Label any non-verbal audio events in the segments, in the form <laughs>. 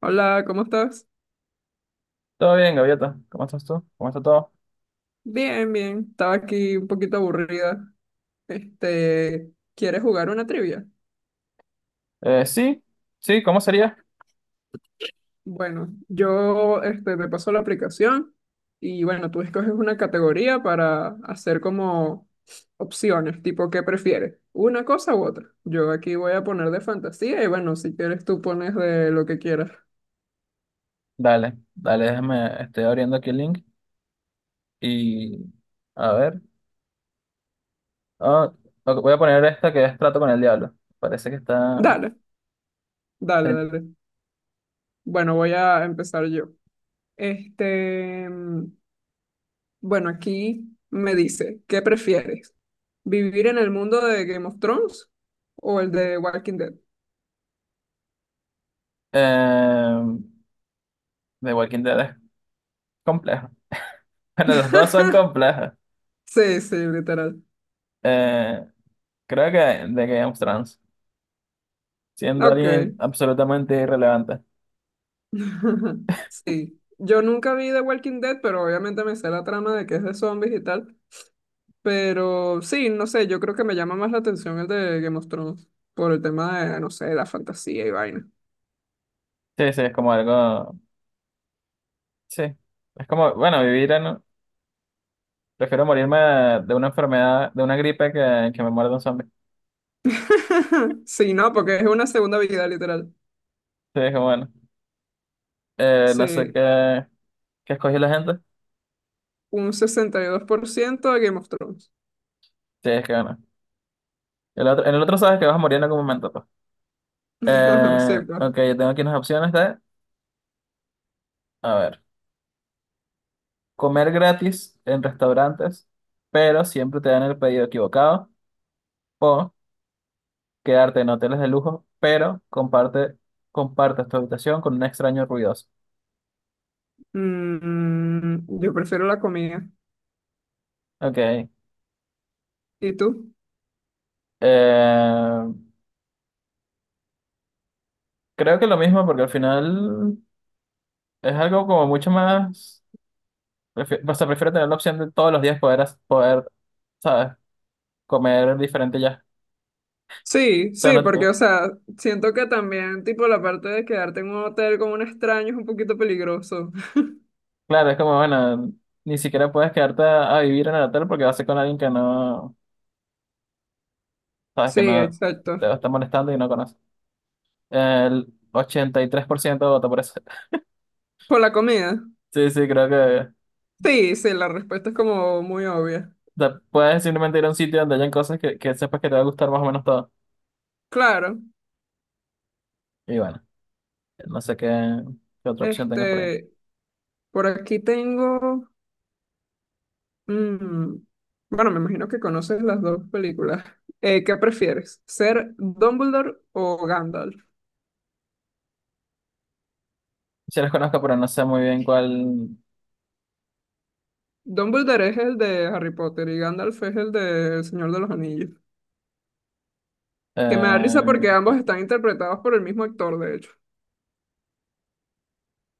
Hola, ¿cómo estás? Todo bien, Gaviota. ¿Cómo estás tú? ¿Cómo está todo? Bien, bien. Estaba aquí un poquito aburrida. ¿Quieres jugar una trivia? Sí, sí, ¿cómo sería? Bueno, yo te paso la aplicación y bueno, tú escoges una categoría para hacer como opciones, tipo ¿qué prefieres? ¿Una cosa u otra? Yo aquí voy a poner de fantasía y bueno, si quieres tú pones de lo que quieras. Dale, dale, déjame, estoy abriendo aquí el link y a ver. Ah, ok, voy a poner esta que es Trato con el Diablo. Parece que está Dale, dale, dale. Bueno, voy a empezar yo. Este, mm, bueno, aquí me dice, ¿qué prefieres? ¿Vivir en el mundo de Game of Thrones o el de Walking Dead? eh, de Walking Dead es complejo. <laughs> Bueno, los dos son <laughs> complejos. Sí, sí, literal. Eh, Creo que de Game of Thrones, siendo Ok. alguien absolutamente irrelevante. <laughs> Sí. Yo nunca vi The Walking Dead, pero obviamente me sé la trama de que es de zombies y tal. Pero sí, no sé, yo creo que me llama más la atención el de Game of Thrones por el tema de, no sé, la fantasía y vaina. Sí, sí, es como algo. Sí, es como, bueno, vivir en, prefiero morirme de una enfermedad, de una gripe, que me muerda un zombie. <laughs> Sí, no, porque es una segunda vida, literal. Sí, es que bueno. No sé Sí, qué escogió la gente. un 62% de Game of Thrones. Sí, es que bueno. El otro, en el otro sabes que vas a morir en algún momento, pues. <laughs> Sí, pues. Ok, yo tengo aquí unas opciones de, a ver, comer gratis en restaurantes, pero siempre te dan el pedido equivocado, o quedarte en hoteles de lujo, pero comparte, compartes tu habitación con un extraño ruidoso. Mm, yo prefiero la comida. Ok. ¿Y tú? Creo que lo mismo, porque al final. Es algo como mucho más, o sea, prefiero tener la opción de todos los días poder, poder, ¿sabes? Comer diferente ya. Sí, O sea, sí, no, porque, o sea, siento que también, tipo, la parte de quedarte en un hotel con un extraño es un poquito peligroso. <laughs> claro, es como, bueno, ni siquiera puedes quedarte a vivir en el hotel porque vas a ser con alguien que no, ¿sabes? Que Sí, no te va exacto. a estar molestando y no conoce. El 83% vota por eso. <laughs> ¿Por la comida? Sí, sí, creo que, o Sí, sí, la respuesta es como muy obvia. sea, puedes simplemente ir a un sitio donde hayan cosas que sepas que te va a gustar más o menos todo. Claro, Y bueno, no sé qué otra opción tengas por ahí. este, por aquí mm, bueno, me imagino que conoces las dos películas. ¿Qué prefieres? ¿Ser Dumbledore o Gandalf? Sí las conozco, pero no sé muy bien cuál... Dumbledore es el de Harry Potter y Gandalf es el de El Señor de los Anillos. Que me da risa porque eh, ambos están interpretados por el mismo actor, de hecho.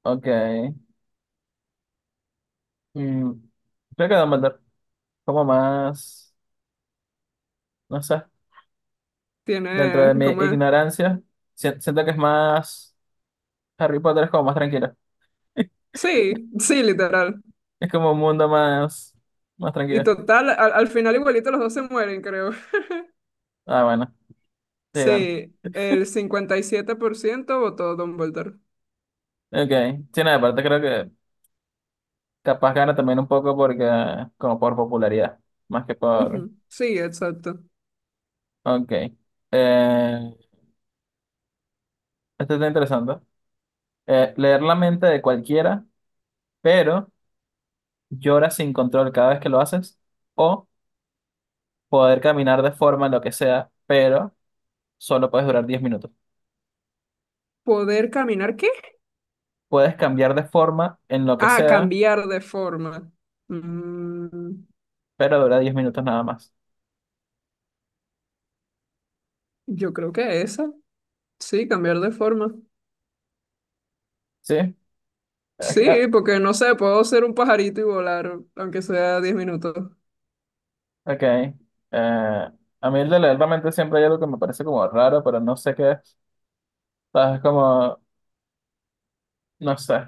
ok. Mm, creo que Dumbledore, como más, no sé, dentro de Tiene, mi ¿cómo es? ignorancia, siento que es más, Harry Potter es como más tranquilo. <laughs> Sí, sí, literal. Es como un mundo más, más Y tranquilo. total, al final igualito los dos se mueren, creo. <laughs> Ah, bueno, sí, bueno. Sí, el 57% votó Dumbledore. Ok. Sí, nada, aparte creo que capaz gana también un poco porque, como por popularidad, más que por... Ujú, sí, exacto. Ok. Eh, Esto está interesante. Leer la mente de cualquiera, pero llora sin control cada vez que lo haces, o poder caminar de forma, en lo que sea, pero solo puedes durar 10 minutos. ¿Poder caminar qué? Puedes cambiar de forma en lo que Ah, sea, cambiar de forma. Mm, pero dura 10 minutos nada más. yo creo que esa. Sí, cambiar de forma. ¿Sí? Ok. Ah, Sí, porque no sé, puedo ser un pajarito y volar, aunque sea 10 minutos. ok. Eh, a mí el de leer la mente siempre hay algo que me parece como raro, pero no sé qué es. ¿Sabes? Como, no sé.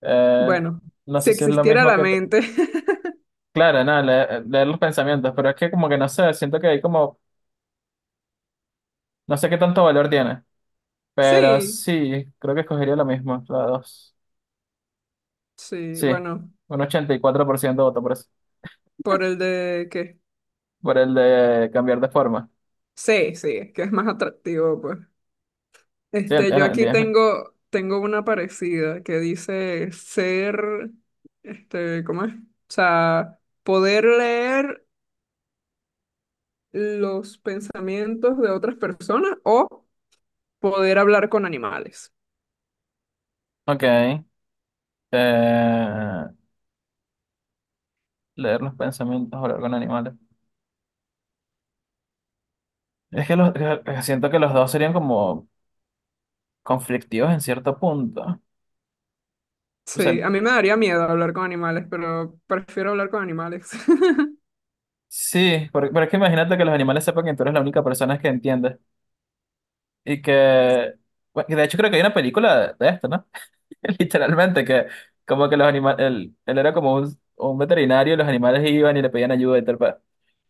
Eh, Bueno, no si sé si es lo existiera mismo la que... mente. <laughs> claro, nada, leer los pensamientos, pero es que como que no sé, siento que hay como... No sé qué tanto valor tiene, pero Sí, sí, creo que escogería lo mismo, la dos. sí, Sí, bueno, un 84% votó por por el de que Por el de cambiar de forma. sí, sí, es que es más atractivo, pues. Sí, Yo en aquí 10 mil. tengo una parecida que dice ser, ¿cómo es? O sea, poder leer los pensamientos de otras personas o poder hablar con animales. Ok. Leer los pensamientos, hablar con animales. Es que los, siento que los dos serían como conflictivos en cierto punto. O sea, Sí, a mí me daría miedo hablar con animales, pero prefiero hablar con animales. <laughs> sí, pero, es que imagínate que los animales sepan que tú eres la única persona que entiende. Y que, bueno, que de hecho creo que hay una película de esto, ¿no? <laughs> Literalmente, que como que los animales, él era como un veterinario y los animales iban y le pedían ayuda y tal.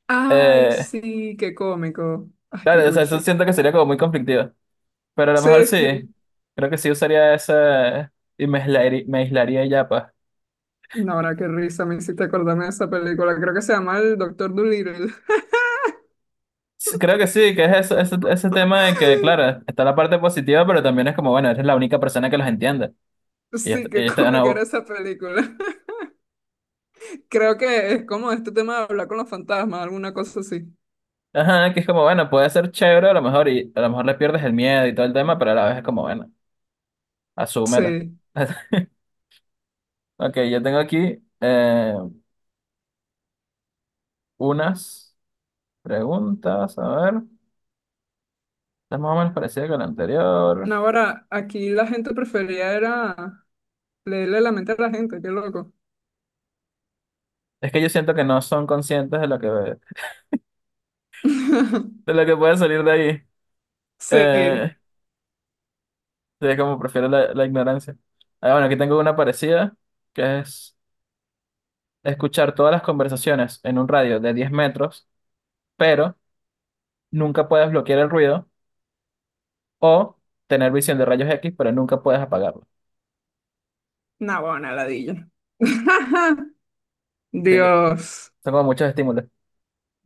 Ay, Eh, sí, qué cómico. Ay, qué claro, o sea, cuchi. eso siento que sería como muy conflictivo. Pero a lo Sí, mejor sí. sí. Creo que sí usaría esa y me aislaría ya, pues. No, ahora qué risa me hiciste acordarme de esa película. Creo que se llama El Doctor Dolittle. <laughs> Sí, creo que sí, que es ese tema de que, claro, está la parte positiva, pero también es como, bueno, eres la única persona que los entiende. Sí, Y qué esto, cómica era no, esa película. <laughs> Creo que es como este tema de hablar con los fantasmas, alguna cosa así. ajá, que es como, bueno, puede ser chévere a lo mejor y a lo mejor le pierdes el miedo y todo el tema, pero a la vez es como, bueno, asúmelo. Sí. <laughs> Ok, yo tengo aquí unas preguntas, a ver, es más o menos parecida con la anterior. No, ahora aquí la gente prefería era leerle la mente a la gente, qué loco. Es que yo siento que no son conscientes de <laughs> lo que puede salir de ahí. Sí, Eh, sí, como prefiero la ignorancia. Ah, bueno, aquí tengo una parecida, que es escuchar todas las conversaciones en un radio de 10 metros, pero nunca puedes bloquear el ruido, o tener visión de rayos X, pero nunca puedes apagarlo. no, bueno, una ladilla. <laughs> Así que Dios, son como muchos estímulos.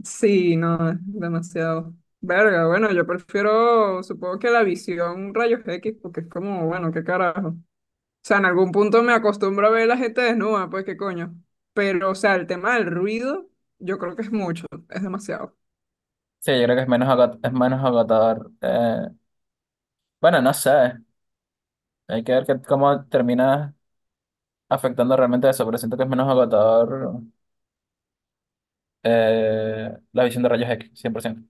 sí, no, es demasiado. Verga, bueno, yo prefiero, supongo que la visión rayos X, porque es como, bueno, qué carajo. O sea, en algún punto me acostumbro a ver la gente desnuda, pues qué coño. Pero, o sea, el tema del ruido, yo creo que es mucho, es demasiado. Sí, yo creo que es menos agotador. Bueno, no sé, hay que ver cómo termina afectando realmente eso, pero siento que es menos agotador la visión de rayos X, 100%.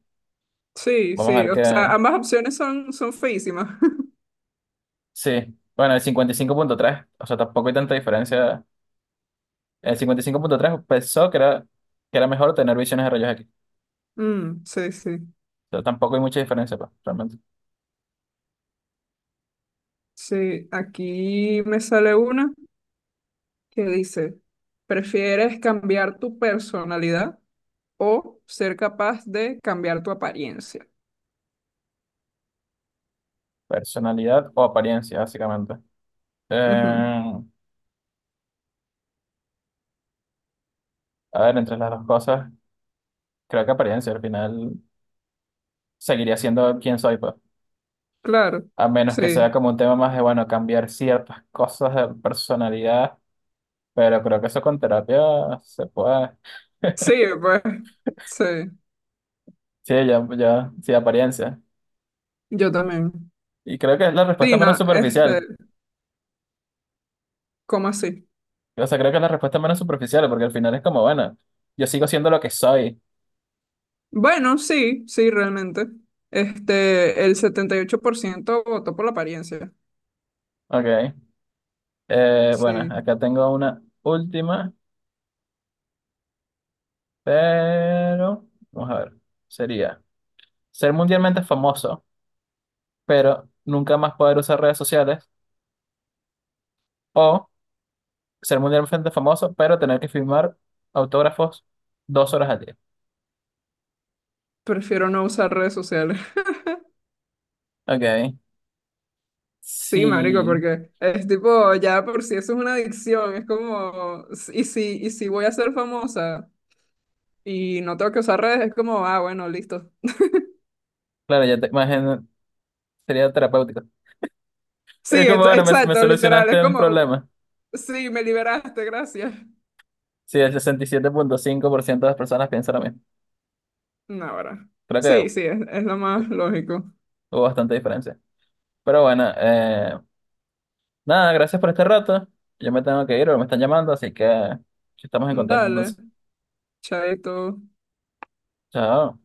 Sí, Vamos a sí, ver o sea, qué, ambas opciones son feísimas. <laughs> sí, bueno, el 55,3 o sea, tampoco hay tanta diferencia. El 55,3 pensó que era mejor tener visiones de rayos X. Mm, sí, sí. O sea, tampoco hay mucha diferencia, pues, realmente. Sí, aquí me sale una. Que dice, ¿prefieres cambiar tu personalidad o ser capaz de cambiar tu apariencia? Personalidad o apariencia, básicamente. Ujú, Eh, a ver, entre las dos cosas, creo que apariencia al final seguiría siendo quien soy, pues. claro, A menos que sea sí, como un tema más de, bueno, cambiar ciertas cosas de personalidad, pero creo que eso con terapia se puede. sí, <laughs> pues, sí, Sí, ya, ya, sí, apariencia. yo también. Y creo que es la respuesta Sí, menos no, superficial, ¿cómo así? o sea, creo que la respuesta es menos superficial porque al final es como, bueno, yo sigo siendo lo que soy. Bueno, sí, sí, realmente. El 78% votó por la apariencia. Ok. Bueno, Sí, acá tengo una última, pero vamos a ver. Sería ser mundialmente famoso, pero nunca más poder usar redes sociales, o ser mundialmente famoso, pero tener que firmar autógrafos 2 horas al día. prefiero no usar redes sociales. <laughs> Ok. Sí, marico, Sí. porque es tipo, ya por si eso es una adicción, es como, y si voy a ser famosa, y no tengo que usar redes, es como, ah, bueno, listo. Claro, ya te imagino, sería terapéutico. Es Sí, como, bueno, me exacto, literal, es solucionaste un como, problema. sí, me liberaste, gracias. Sí, el 67,5% de las personas piensan lo mismo. No, ahora. Creo Sí, que sí, es lo más lógico. hubo bastante diferencia. Pero bueno, nada, gracias por este rato. Yo me tengo que ir, me están llamando, así que estamos en contacto Dale, entonces. chaito. Chao.